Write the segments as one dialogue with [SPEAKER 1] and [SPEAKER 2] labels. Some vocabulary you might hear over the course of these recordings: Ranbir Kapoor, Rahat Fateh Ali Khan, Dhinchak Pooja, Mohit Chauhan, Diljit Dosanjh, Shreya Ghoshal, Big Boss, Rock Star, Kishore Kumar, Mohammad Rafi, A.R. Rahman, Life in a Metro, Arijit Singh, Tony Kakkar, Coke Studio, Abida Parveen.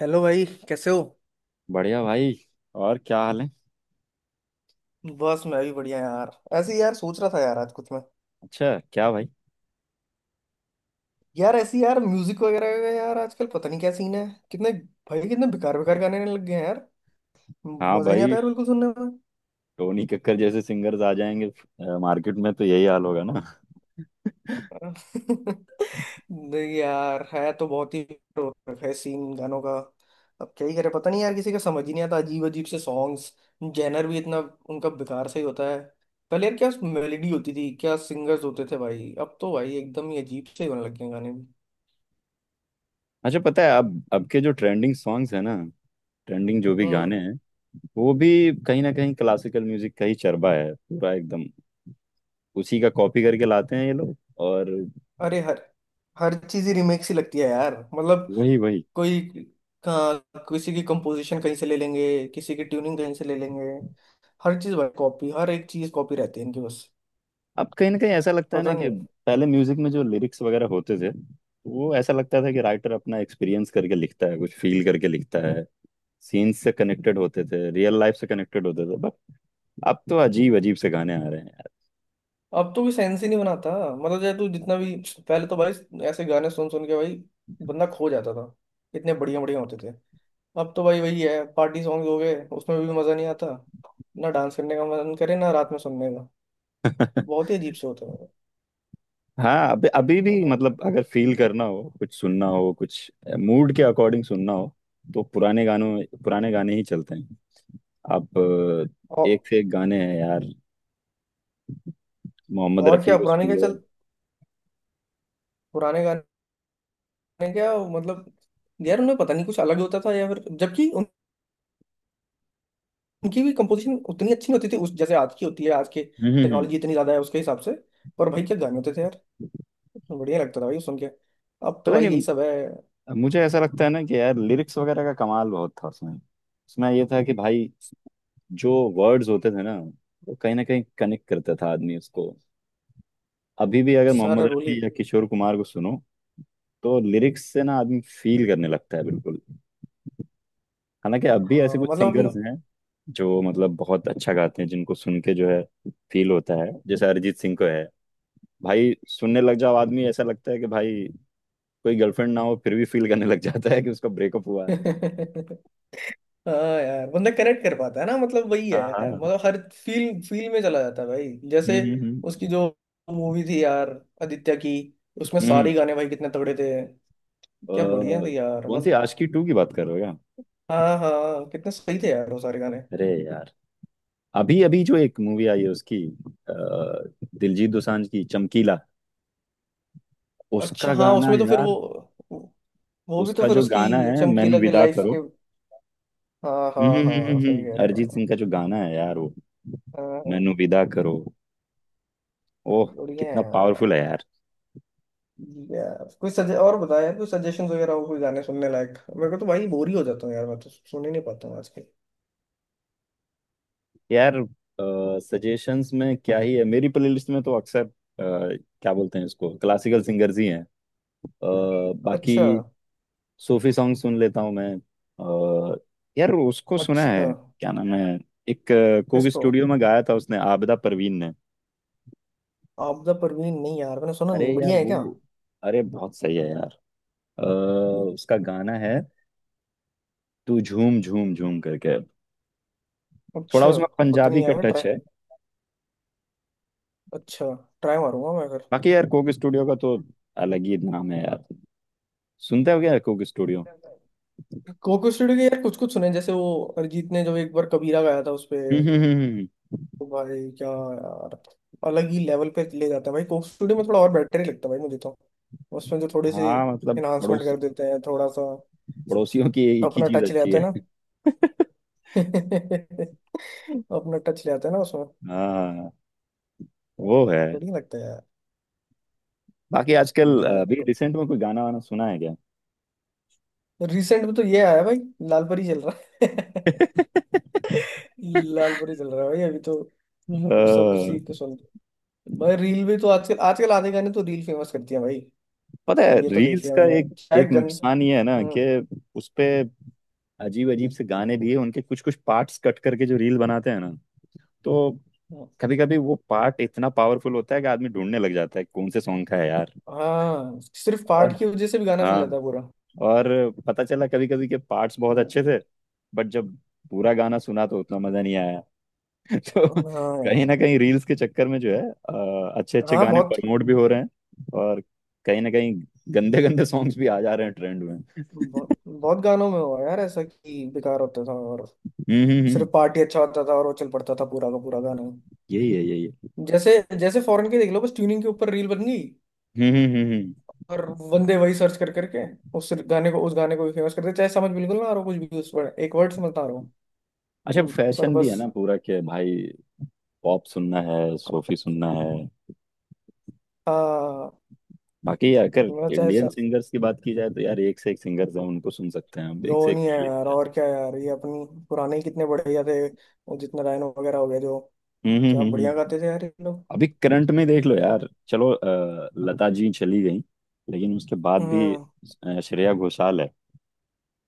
[SPEAKER 1] Hello भाई, कैसे हो?
[SPEAKER 2] बढ़िया भाई। और क्या हाल है।
[SPEAKER 1] बस मैं भी बढ़िया यार। ऐसे ही यार सोच रहा था यार आज कुछ मैं।
[SPEAKER 2] अच्छा। क्या भाई।
[SPEAKER 1] यार ऐसे ही यार म्यूजिक वगैरह का यार आजकल पता नहीं क्या सीन है। कितने भाई कितने बेकार बेकार गाने आने लग गए हैं यार।
[SPEAKER 2] हाँ
[SPEAKER 1] मजा ही नहीं
[SPEAKER 2] भाई।
[SPEAKER 1] आता यार बिल्कुल सुनने में।
[SPEAKER 2] टोनी कक्कर जैसे सिंगर्स आ जाएंगे मार्केट में तो यही हाल होगा ना।
[SPEAKER 1] नहीं यार, है तो बहुत ही हो रखा है सीन गानों का। अब क्या ही करें, पता नहीं यार, किसी का समझ ही नहीं आता, अजीब अजीब से सॉन्ग्स। जेनर भी इतना उनका बेकार सा ही होता है। पहले यार क्या मेलेडी होती थी, क्या सिंगर्स होते थे भाई, अब तो भाई एकदम ही अजीब से ही होने लग गए हैं गाने भी।
[SPEAKER 2] अच्छा पता है अब के जो ट्रेंडिंग सॉन्ग्स है ना। ट्रेंडिंग जो भी
[SPEAKER 1] हम्म।
[SPEAKER 2] गाने हैं वो भी कहीं ना कहीं क्लासिकल म्यूजिक का ही चरबा है पूरा एकदम। उसी का कॉपी करके लाते हैं ये लोग। और
[SPEAKER 1] अरे हर हर चीज ही रीमेक सी लगती है यार मतलब।
[SPEAKER 2] वही वही।
[SPEAKER 1] कोई का, किसी की कंपोजिशन कहीं से ले लेंगे, किसी की ट्यूनिंग कहीं से ले लेंगे। हर चीज भाई कॉपी, हर एक चीज कॉपी रहती है इनकी बस।
[SPEAKER 2] अब कहीं ना कहीं ऐसा लगता है
[SPEAKER 1] पता
[SPEAKER 2] ना कि
[SPEAKER 1] नहीं।
[SPEAKER 2] पहले म्यूजिक में जो लिरिक्स वगैरह होते थे वो ऐसा लगता था कि राइटर अपना एक्सपीरियंस करके लिखता है कुछ फील करके लिखता है। सीन से कनेक्टेड होते थे रियल लाइफ से कनेक्टेड होते थे बट अब तो अजीब अजीब से गाने आ रहे हैं
[SPEAKER 1] अब तो कोई सेंस ही नहीं बनाता, मतलब चाहे तू जितना भी। पहले तो भाई ऐसे गाने सुन सुन के भाई बंदा खो जाता था, इतने बढ़िया बढ़िया होते थे। अब तो भाई वही है, पार्टी सॉन्ग हो गए, उसमें भी मजा नहीं आता। ना डांस करने का मन करे, ना रात में सुनने का।
[SPEAKER 2] यार।
[SPEAKER 1] बहुत ही अजीब से होते हैं।
[SPEAKER 2] हाँ अभी अभी भी मतलब अगर फील करना हो कुछ सुनना हो कुछ मूड के अकॉर्डिंग सुनना हो तो पुराने गानों पुराने गाने ही चलते हैं। आप
[SPEAKER 1] और
[SPEAKER 2] एक से एक गाने हैं यार। मोहम्मद
[SPEAKER 1] और
[SPEAKER 2] रफ़ी
[SPEAKER 1] क्या
[SPEAKER 2] को
[SPEAKER 1] पुराने
[SPEAKER 2] सुन
[SPEAKER 1] क्या
[SPEAKER 2] लो।
[SPEAKER 1] चल, पुराने गाने ने क्या मतलब यार उन्हें पता नहीं कुछ अलग होता था या फिर, जबकि उनकी भी कंपोजिशन उतनी अच्छी नहीं होती थी उस जैसे आज की होती है। आज के
[SPEAKER 2] हम्म हम्म, हम्म।
[SPEAKER 1] टेक्नोलॉजी इतनी ज्यादा है उसके हिसाब से, पर भाई क्या गाने होते थे यार, बढ़िया लगता था भाई सुन के। अब तो
[SPEAKER 2] पता
[SPEAKER 1] भाई यही सब
[SPEAKER 2] नहीं
[SPEAKER 1] है।
[SPEAKER 2] मुझे ऐसा लगता है ना कि यार लिरिक्स वगैरह का कमाल बहुत था उसमें उसमें ये था कि भाई जो वर्ड्स होते थे ना वो कहीं ना कहीं कनेक्ट करता था आदमी उसको। अभी भी अगर
[SPEAKER 1] सारा
[SPEAKER 2] मोहम्मद
[SPEAKER 1] रोल ही।
[SPEAKER 2] रफी या किशोर कुमार को सुनो तो लिरिक्स से ना आदमी फील करने लगता है बिल्कुल। हालांकि अब भी ऐसे
[SPEAKER 1] हाँ
[SPEAKER 2] कुछ सिंगर्स
[SPEAKER 1] मतलब।
[SPEAKER 2] हैं जो मतलब बहुत अच्छा गाते हैं जिनको सुन के जो है फील होता है जैसे अरिजीत सिंह को है। भाई सुनने लग जाओ आदमी ऐसा लगता है कि भाई कोई गर्लफ्रेंड ना हो फिर भी फील करने लग जाता है कि उसका ब्रेकअप हुआ
[SPEAKER 1] अपन-
[SPEAKER 2] है।
[SPEAKER 1] हाँ यार बंदा कनेक्ट कर पाता है ना, मतलब वही
[SPEAKER 2] हाँ हाँ
[SPEAKER 1] है, मतलब हर फील फील में चला जाता है भाई।
[SPEAKER 2] हम्म
[SPEAKER 1] जैसे
[SPEAKER 2] हम्म
[SPEAKER 1] उसकी जो मूवी थी यार, आदित्य की, उसमें
[SPEAKER 2] हम्म।
[SPEAKER 1] सारे गाने भाई कितने तगड़े थे,
[SPEAKER 2] अ,
[SPEAKER 1] क्या बढ़िया थे यार
[SPEAKER 2] कौन सी
[SPEAKER 1] मतलब।
[SPEAKER 2] आशिकी टू की बात कर रहे हो क्या।
[SPEAKER 1] हाँ हाँ, कितने सही थे यार वो सारे गाने।
[SPEAKER 2] अरे यार अभी अभी जो एक मूवी आई है उसकी अ, दिलजीत दोसांझ की चमकीला
[SPEAKER 1] अच्छा
[SPEAKER 2] उसका
[SPEAKER 1] हाँ,
[SPEAKER 2] गाना
[SPEAKER 1] उसमें तो फिर
[SPEAKER 2] यार।
[SPEAKER 1] वो भी तो
[SPEAKER 2] उसका
[SPEAKER 1] फिर
[SPEAKER 2] जो गाना
[SPEAKER 1] उसकी
[SPEAKER 2] है मैनू
[SPEAKER 1] चमकीला के
[SPEAKER 2] विदा
[SPEAKER 1] लाइफ
[SPEAKER 2] करो।
[SPEAKER 1] के। हाँ हाँ हाँ सही कह रहे
[SPEAKER 2] अरिजीत
[SPEAKER 1] हो।
[SPEAKER 2] सिंह का जो गाना है यार वो
[SPEAKER 1] हाँ,
[SPEAKER 2] मैनू विदा करो। ओह।
[SPEAKER 1] बढ़िया है
[SPEAKER 2] कितना
[SPEAKER 1] यार।
[SPEAKER 2] पावरफुल है यार।
[SPEAKER 1] यार कोई सजे और बताया यार, कोई सजेशन वगैरह हो कोई गाने सुनने लायक, मेरे को तो भाई बोर ही हो जाता हूँ यार, मैं तो सुन ही नहीं पाता हूँ आजकल।
[SPEAKER 2] यार सजेशंस में क्या ही है मेरी प्लेलिस्ट में तो अक्सर क्या बोलते हैं इसको क्लासिकल सिंगर्स ही हैं। बाकी
[SPEAKER 1] अच्छा।
[SPEAKER 2] सूफी सॉन्ग सुन लेता हूँ मैं। अ, यार उसको सुना
[SPEAKER 1] अच्छा।
[SPEAKER 2] है। क्या नाम है। एक कोक
[SPEAKER 1] किसको?
[SPEAKER 2] स्टूडियो में गाया था उसने आबिदा परवीन ने।
[SPEAKER 1] आपदा परवीन? नहीं यार मैंने सुना
[SPEAKER 2] अरे
[SPEAKER 1] नहीं,
[SPEAKER 2] यार
[SPEAKER 1] बढ़िया है
[SPEAKER 2] वो
[SPEAKER 1] क्या?
[SPEAKER 2] अरे बहुत सही है यार। अ, उसका गाना है तू झूम झूम झूम करके। थोड़ा
[SPEAKER 1] अच्छा।
[SPEAKER 2] उसमें
[SPEAKER 1] पता नहीं
[SPEAKER 2] पंजाबी का
[SPEAKER 1] यार
[SPEAKER 2] टच
[SPEAKER 1] ट्राई,
[SPEAKER 2] है।
[SPEAKER 1] अच्छा, ट्राई मारूंगा मैं।
[SPEAKER 2] बाकी यार कोक स्टूडियो का तो अलग ही नाम है यार। सुनते हो क्या कोक स्टूडियो।
[SPEAKER 1] अगर कोको स्टूडियो के यार कुछ कुछ सुने, जैसे वो अरिजीत ने जो एक बार कबीरा गाया था उसपे,
[SPEAKER 2] हम्म हम्म, हम्म, हम्म।
[SPEAKER 1] तो भाई क्या यार, अलग ही लेवल पे ले जाता है भाई। कोको स्टूडियो में थोड़ा और बेटर ही लगता है भाई मुझे तो। उसमें जो थोड़ी सी
[SPEAKER 2] हाँ मतलब
[SPEAKER 1] इन्हांसमेंट कर देते हैं, थोड़ा सा
[SPEAKER 2] पड़ोसियों की एक ही
[SPEAKER 1] अपना
[SPEAKER 2] चीज
[SPEAKER 1] टच ले
[SPEAKER 2] अच्छी
[SPEAKER 1] आते हैं
[SPEAKER 2] है।
[SPEAKER 1] ना। अपना टच ले आते हैं ना उसमें।
[SPEAKER 2] हाँ
[SPEAKER 1] अ,
[SPEAKER 2] वो है।
[SPEAKER 1] बढ़िया लगता है यार।
[SPEAKER 2] बाकी आजकल
[SPEAKER 1] नहीं,
[SPEAKER 2] अभी रिसेंट में कोई गाना वाना सुना है क्या।
[SPEAKER 1] रिसेंट में तो ये आया भाई, लाल परी चल रहा है। लाल परी चल रहा है भाई अभी तो, सब
[SPEAKER 2] अ,
[SPEAKER 1] उसी को सुनते हैं। भाई रील भी तो आजकल आजकल आधे गाने तो रील फेमस करती है भाई।
[SPEAKER 2] पता है
[SPEAKER 1] ये तो देख
[SPEAKER 2] रील्स
[SPEAKER 1] लिया
[SPEAKER 2] का
[SPEAKER 1] मैंने
[SPEAKER 2] एक एक
[SPEAKER 1] शायद गन।
[SPEAKER 2] नुकसान ये है ना कि
[SPEAKER 1] हम्म,
[SPEAKER 2] उसपे अजीब अजीब से गाने दिए उनके कुछ कुछ पार्ट्स कट करके जो रील बनाते हैं ना तो
[SPEAKER 1] हम्म।
[SPEAKER 2] कभी कभी वो पार्ट इतना पावरफुल होता है कि आदमी ढूंढने लग जाता है कौन से सॉन्ग का है यार।
[SPEAKER 1] हाँ सिर्फ
[SPEAKER 2] और
[SPEAKER 1] पार्ट की वजह से भी गाना चल
[SPEAKER 2] हाँ
[SPEAKER 1] जाता है पूरा।
[SPEAKER 2] और पता चला कभी कभी के पार्ट्स बहुत अच्छे थे बट जब पूरा गाना सुना तो उतना मजा नहीं आया। तो कहीं ना
[SPEAKER 1] हाँ
[SPEAKER 2] कहीं रील्स के चक्कर में जो है अच्छे अच्छे
[SPEAKER 1] हाँ
[SPEAKER 2] गाने
[SPEAKER 1] बहुत।
[SPEAKER 2] प्रमोट भी हो रहे हैं और कहीं ना कहीं गंदे गंदे सॉन्ग्स भी आ जा रहे हैं ट्रेंड में।
[SPEAKER 1] बहुत, बहुत गानों में हुआ यार ऐसा कि बेकार होता था और
[SPEAKER 2] हम्म हम्म हम्म,
[SPEAKER 1] सिर्फ पार्टी अच्छा होता था और वो चल पड़ता था पूरा का पूरा गाना।
[SPEAKER 2] यही है यही है।
[SPEAKER 1] जैसे, जैसे फॉरेन के देख लो, बस ट्यूनिंग के ऊपर रील बन गई
[SPEAKER 2] हम्म हम्म हम्म हम्म।
[SPEAKER 1] और बंदे वही सर्च कर करके उस गाने को भी फेमस करते, चाहे समझ बिल्कुल ना आ रहा हो कुछ भी, उस पर एक वर्ड समझ ना आ रहा
[SPEAKER 2] अच्छा
[SPEAKER 1] हो, पर
[SPEAKER 2] फैशन भी है
[SPEAKER 1] बस।
[SPEAKER 2] ना पूरा के भाई। पॉप सुनना है सूफी सुनना है।
[SPEAKER 1] हाँ
[SPEAKER 2] बाकी अगर
[SPEAKER 1] मतलब चाहे,
[SPEAKER 2] इंडियन सिंगर्स की बात की जाए तो यार एक से एक सिंगर्स हैं उनको सुन सकते हैं हम एक
[SPEAKER 1] वो
[SPEAKER 2] से एक
[SPEAKER 1] नहीं है यार
[SPEAKER 2] प्लेलिस्ट है।
[SPEAKER 1] और क्या यार। ये अपनी पुराने ही कितने बढ़िया थे, वो जितना रायनो वगैरह हो गया, जो
[SPEAKER 2] हम्म हम्म
[SPEAKER 1] क्या
[SPEAKER 2] हम्म
[SPEAKER 1] बढ़िया
[SPEAKER 2] हम्म।
[SPEAKER 1] गाते थे यार ये लोग।
[SPEAKER 2] अभी करंट में देख लो यार चलो लता जी चली गई लेकिन उसके बाद भी
[SPEAKER 1] हम्म।
[SPEAKER 2] श्रेया घोषाल है।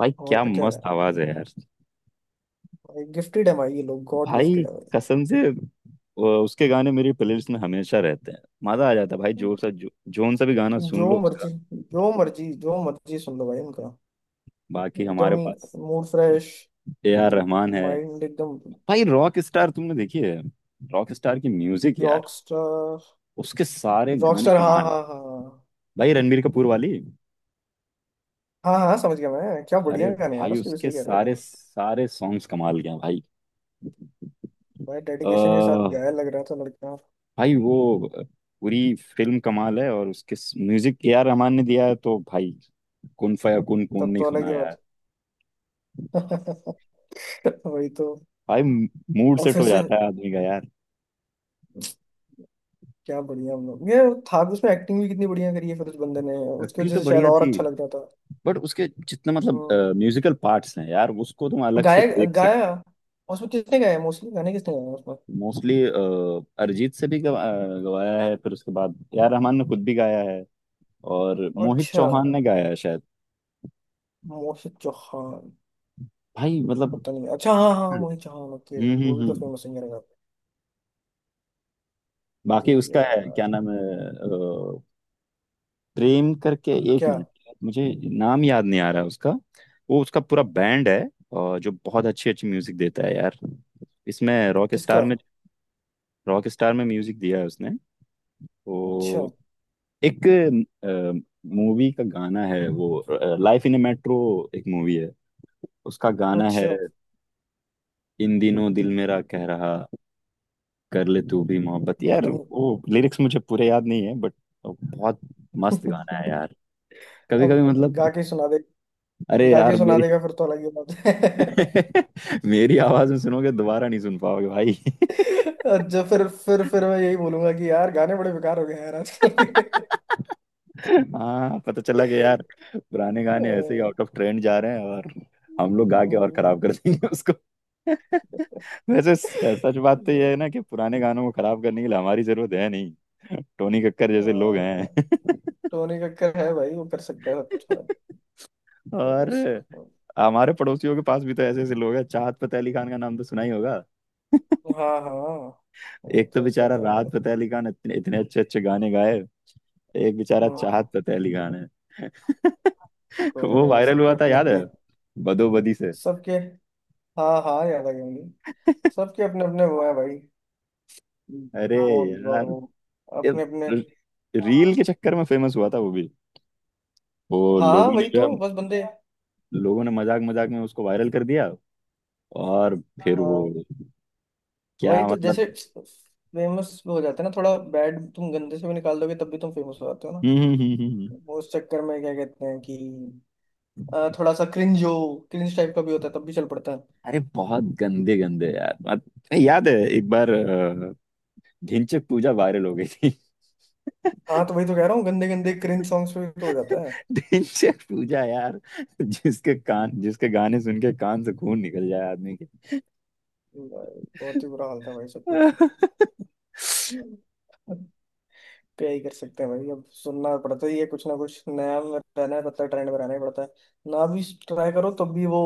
[SPEAKER 2] भाई क्या
[SPEAKER 1] और क्या यार,
[SPEAKER 2] मस्त आवाज है यार।
[SPEAKER 1] गिफ्टेड है भाई ये लोग, गॉड
[SPEAKER 2] भाई
[SPEAKER 1] गिफ्टेड है
[SPEAKER 2] कसम से उसके गाने मेरी प्लेलिस्ट में हमेशा रहते हैं मजा आ जाता है भाई
[SPEAKER 1] भाई।
[SPEAKER 2] जोन सा भी गाना सुन
[SPEAKER 1] जो
[SPEAKER 2] लो उसका।
[SPEAKER 1] मर्जी जो मर्जी सुन लो भाई इनका,
[SPEAKER 2] बाकी
[SPEAKER 1] एकदम
[SPEAKER 2] हमारे
[SPEAKER 1] ही
[SPEAKER 2] पास
[SPEAKER 1] mood fresh,
[SPEAKER 2] A R Rahman है।
[SPEAKER 1] माइंड एकदम।
[SPEAKER 2] भाई रॉक स्टार तुमने देखी है। रॉक स्टार की म्यूजिक यार
[SPEAKER 1] रॉकस्टार।
[SPEAKER 2] उसके सारे गाने
[SPEAKER 1] रॉकस्टार हाँ
[SPEAKER 2] कमाल है।
[SPEAKER 1] हाँ हाँ।
[SPEAKER 2] भाई रणबीर कपूर वाली।
[SPEAKER 1] हाँ हाँ हाँ समझ गया मैं, क्या बढ़िया
[SPEAKER 2] अरे
[SPEAKER 1] गाने यार
[SPEAKER 2] भाई
[SPEAKER 1] उसके भी,
[SPEAKER 2] उसके
[SPEAKER 1] सही कह रहे हो
[SPEAKER 2] सारे
[SPEAKER 1] तुम।
[SPEAKER 2] सारे सॉन्ग्स कमाल के हैं भाई।
[SPEAKER 1] भाई
[SPEAKER 2] अ,
[SPEAKER 1] डेडिकेशन के साथ गाया लग रहा था लड़का।
[SPEAKER 2] भाई वो पूरी फिल्म कमाल है और उसके म्यूजिक ए आर रहमान ने दिया है तो भाई कौन कौन
[SPEAKER 1] तब
[SPEAKER 2] नहीं
[SPEAKER 1] तो अलग
[SPEAKER 2] सुना
[SPEAKER 1] ही
[SPEAKER 2] यार।
[SPEAKER 1] बात। वही तो।
[SPEAKER 2] भाई मूड
[SPEAKER 1] और
[SPEAKER 2] सेट
[SPEAKER 1] फिर
[SPEAKER 2] हो
[SPEAKER 1] से
[SPEAKER 2] जाता है आदमी का यार।
[SPEAKER 1] क्या बढ़िया हम लोग, ये था भी उसमें। एक्टिंग भी कितनी बढ़िया करी है फिर उस बंदे ने, उसकी
[SPEAKER 2] एक्टिंग
[SPEAKER 1] वजह
[SPEAKER 2] तो
[SPEAKER 1] से शायद
[SPEAKER 2] बढ़िया
[SPEAKER 1] और
[SPEAKER 2] थी
[SPEAKER 1] अच्छा लग रहा था।
[SPEAKER 2] बट उसके जितने मतलब
[SPEAKER 1] हम्म।
[SPEAKER 2] म्यूजिकल पार्ट्स हैं यार उसको तुम अलग से
[SPEAKER 1] गाया
[SPEAKER 2] देख
[SPEAKER 1] गाया,
[SPEAKER 2] सकते हो।
[SPEAKER 1] उसमें किसने गाया? मोस्टली गाने किसने गाया उसमें?
[SPEAKER 2] मोस्टली अरिजीत से भी गवाया है फिर उसके बाद ए आर रहमान ने खुद भी गाया है और मोहित
[SPEAKER 1] अच्छा,
[SPEAKER 2] चौहान ने गाया है शायद।
[SPEAKER 1] मोहित चौहान,
[SPEAKER 2] भाई मतलब।
[SPEAKER 1] पता नहीं। अच्छा हाँ हाँ,
[SPEAKER 2] हम्म,
[SPEAKER 1] मोहित चौहान, ओके, वो भी तो
[SPEAKER 2] हम्म।
[SPEAKER 1] फेमस सिंगर है। ये
[SPEAKER 2] बाकी उसका है क्या
[SPEAKER 1] यार
[SPEAKER 2] नाम है। अ, प्रेम करके एक
[SPEAKER 1] क्या?
[SPEAKER 2] मिनट मुझे नाम याद नहीं आ रहा उसका। वो उसका पूरा बैंड है और जो बहुत अच्छी अच्छी म्यूजिक देता है यार इसमें रॉक
[SPEAKER 1] किसका?
[SPEAKER 2] स्टार में म्यूजिक दिया है उसने।
[SPEAKER 1] अच्छा।
[SPEAKER 2] तो एक मूवी का गाना है वो लाइफ इन ए मेट्रो एक मूवी है उसका गाना है।
[SPEAKER 1] अच्छा
[SPEAKER 2] इन दिनों दिल मेरा कह रहा कर ले तू भी मोहब्बत यार
[SPEAKER 1] पता नहीं।
[SPEAKER 2] वो लिरिक्स मुझे पूरे याद नहीं है बट बहुत मस्त गाना है यार। कभी कभी
[SPEAKER 1] अब गा
[SPEAKER 2] मतलब।
[SPEAKER 1] के सुना दे,
[SPEAKER 2] अरे
[SPEAKER 1] गा के
[SPEAKER 2] यार
[SPEAKER 1] सुना
[SPEAKER 2] मेरी
[SPEAKER 1] देगा फिर तो अलग ही बात है।
[SPEAKER 2] मेरी आवाज में सुनोगे दोबारा नहीं सुन पाओगे भाई।
[SPEAKER 1] अच्छा, फिर फिर मैं यही बोलूंगा कि यार गाने बड़े बेकार हो गए हैं यार आजकल के।
[SPEAKER 2] हाँ पता चला कि यार पुराने गाने ऐसे ही
[SPEAKER 1] हम्म।
[SPEAKER 2] आउट ऑफ ट्रेंड जा रहे हैं और हम लोग गा के और खराब कर देंगे उसको। वैसे सच बात तो यह है ना कि पुराने गानों को खराब करने के लिए हमारी जरूरत है नहीं। टोनी कक्कर जैसे लोग
[SPEAKER 1] हाँ,
[SPEAKER 2] हैं।
[SPEAKER 1] क्या- टोनी कक्कर है भाई, वो कर सकता है। अच्छा, पर
[SPEAKER 2] और
[SPEAKER 1] उस,
[SPEAKER 2] हमारे पड़ोसियों के पास भी तो ऐसे ऐसे लोग हैं चाहत फतेह अली खान का नाम तो सुना ही होगा।
[SPEAKER 1] हाँ हाँ, वो
[SPEAKER 2] एक तो
[SPEAKER 1] तो सब
[SPEAKER 2] बेचारा
[SPEAKER 1] दादा
[SPEAKER 2] राहत
[SPEAKER 1] है।
[SPEAKER 2] फतेह अली खान इतने इतने अच्छे अच्छे गाने गाए एक बेचारा
[SPEAKER 1] हम्म।
[SPEAKER 2] चाहत फतेह अली खान है।
[SPEAKER 1] कोई
[SPEAKER 2] वो
[SPEAKER 1] नहीं,
[SPEAKER 2] वायरल
[SPEAKER 1] सबके
[SPEAKER 2] हुआ था
[SPEAKER 1] अपने
[SPEAKER 2] याद है
[SPEAKER 1] अपने,
[SPEAKER 2] बदोबदी से।
[SPEAKER 1] सबके। हाँ हाँ याद आ गया मुझे, सबके अपने अपने वो है भाई।
[SPEAKER 2] अरे
[SPEAKER 1] कौन और
[SPEAKER 2] यार
[SPEAKER 1] वो,
[SPEAKER 2] ये
[SPEAKER 1] अपने अपने।
[SPEAKER 2] रील के चक्कर में फेमस हुआ था वो भी वो
[SPEAKER 1] हाँ
[SPEAKER 2] लोगों ने
[SPEAKER 1] वही
[SPEAKER 2] जो है
[SPEAKER 1] तो, बस बंदे,
[SPEAKER 2] लोगों ने मजाक मजाक में उसको वायरल कर दिया और फिर वो
[SPEAKER 1] हाँ वही
[SPEAKER 2] क्या
[SPEAKER 1] तो,
[SPEAKER 2] मतलब।
[SPEAKER 1] जैसे फेमस हो जाते हैं ना, थोड़ा बैड तुम गंदे से भी निकाल दोगे तब भी तुम फेमस हो जाते हो ना।
[SPEAKER 2] हम्म हम्म हम्म हम्म, हम्म।
[SPEAKER 1] वो उस चक्कर में क्या कहते हैं कि थोड़ा सा क्रिंज हो, क्रिंज टाइप का भी होता है तब भी चल पड़ता है।
[SPEAKER 2] अरे बहुत गंदे गंदे यार मत नहीं, याद है एक बार ढिंचैक पूजा वायरल हो गई थी।
[SPEAKER 1] हाँ तो वही तो कह रहा हूँ, गंदे गंदे क्रिंज सॉन्ग्स पे भी तो हो जाता है।
[SPEAKER 2] ढिंचैक पूजा यार जिसके गाने सुन के कान से खून निकल जाए आदमी के।
[SPEAKER 1] भाई, बहुत ही बुरा हाल था भाई सब कुछ। अब क्या ही कर सकते हैं भाई, अब सुनना पड़ता ही है, कुछ ना कुछ नया में रहना है पड़ता है, ट्रेंड में रहना ही पड़ता है। ना भी ट्राई करो तब भी वो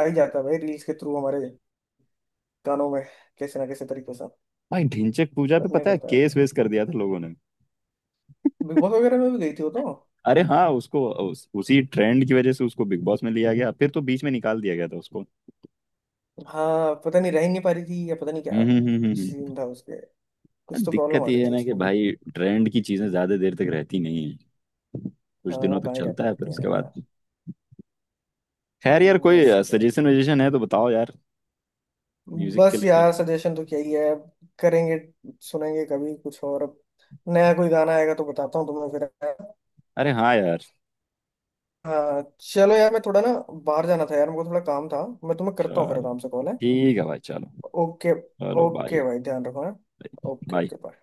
[SPEAKER 1] आ ही जाता है भाई, रील्स के थ्रू हमारे कानों में, कैसे ना कैसे तरीके से,
[SPEAKER 2] भाई ढिंचैक पूजा पे
[SPEAKER 1] करना ही
[SPEAKER 2] पता है
[SPEAKER 1] पड़ता है।
[SPEAKER 2] केस वेस कर दिया था लोगों ने।
[SPEAKER 1] बिग बॉस वगैरह में भी गई थी वो तो।
[SPEAKER 2] अरे हाँ उसको उसी ट्रेंड की वजह से उसको बिग बॉस में लिया गया फिर तो बीच में निकाल दिया गया था उसको।
[SPEAKER 1] हाँ पता नहीं, रह ही नहीं पा रही थी या पता नहीं क्या
[SPEAKER 2] हम्म।
[SPEAKER 1] सीन था उसके, कुछ तो प्रॉब्लम
[SPEAKER 2] दिक्कत
[SPEAKER 1] आ रही
[SPEAKER 2] ये है
[SPEAKER 1] थी
[SPEAKER 2] ना कि
[SPEAKER 1] उसको भी।
[SPEAKER 2] भाई ट्रेंड की चीजें ज्यादा देर तक रहती नहीं है कुछ
[SPEAKER 1] हाँ
[SPEAKER 2] दिनों तक
[SPEAKER 1] कहाँ ही रह
[SPEAKER 2] चलता है
[SPEAKER 1] पाते
[SPEAKER 2] फिर
[SPEAKER 1] हैं
[SPEAKER 2] उसके बाद।
[SPEAKER 1] यार।
[SPEAKER 2] खैर यार कोई
[SPEAKER 1] ऐसे ही है।
[SPEAKER 2] सजेशन वजेशन है तो बताओ यार म्यूजिक के
[SPEAKER 1] बस
[SPEAKER 2] लेके।
[SPEAKER 1] यार सजेशन तो क्या ही है अब, करेंगे, सुनेंगे कभी कुछ और। अब नया कोई गाना आएगा तो बताता हूँ तुम्हें फिर।
[SPEAKER 2] अरे हाँ यार
[SPEAKER 1] हाँ चलो यार, मैं थोड़ा ना बाहर जाना था यार, मेरे को थोड़ा काम था, मैं तुम्हें करता हूँ फिर
[SPEAKER 2] चलो
[SPEAKER 1] काम से, कॉल है।
[SPEAKER 2] ठीक है भाई चलो।
[SPEAKER 1] ओके,
[SPEAKER 2] चलो बाय।
[SPEAKER 1] ओके भाई, ध्यान रखो है। Okay
[SPEAKER 2] bye.
[SPEAKER 1] Okay bye.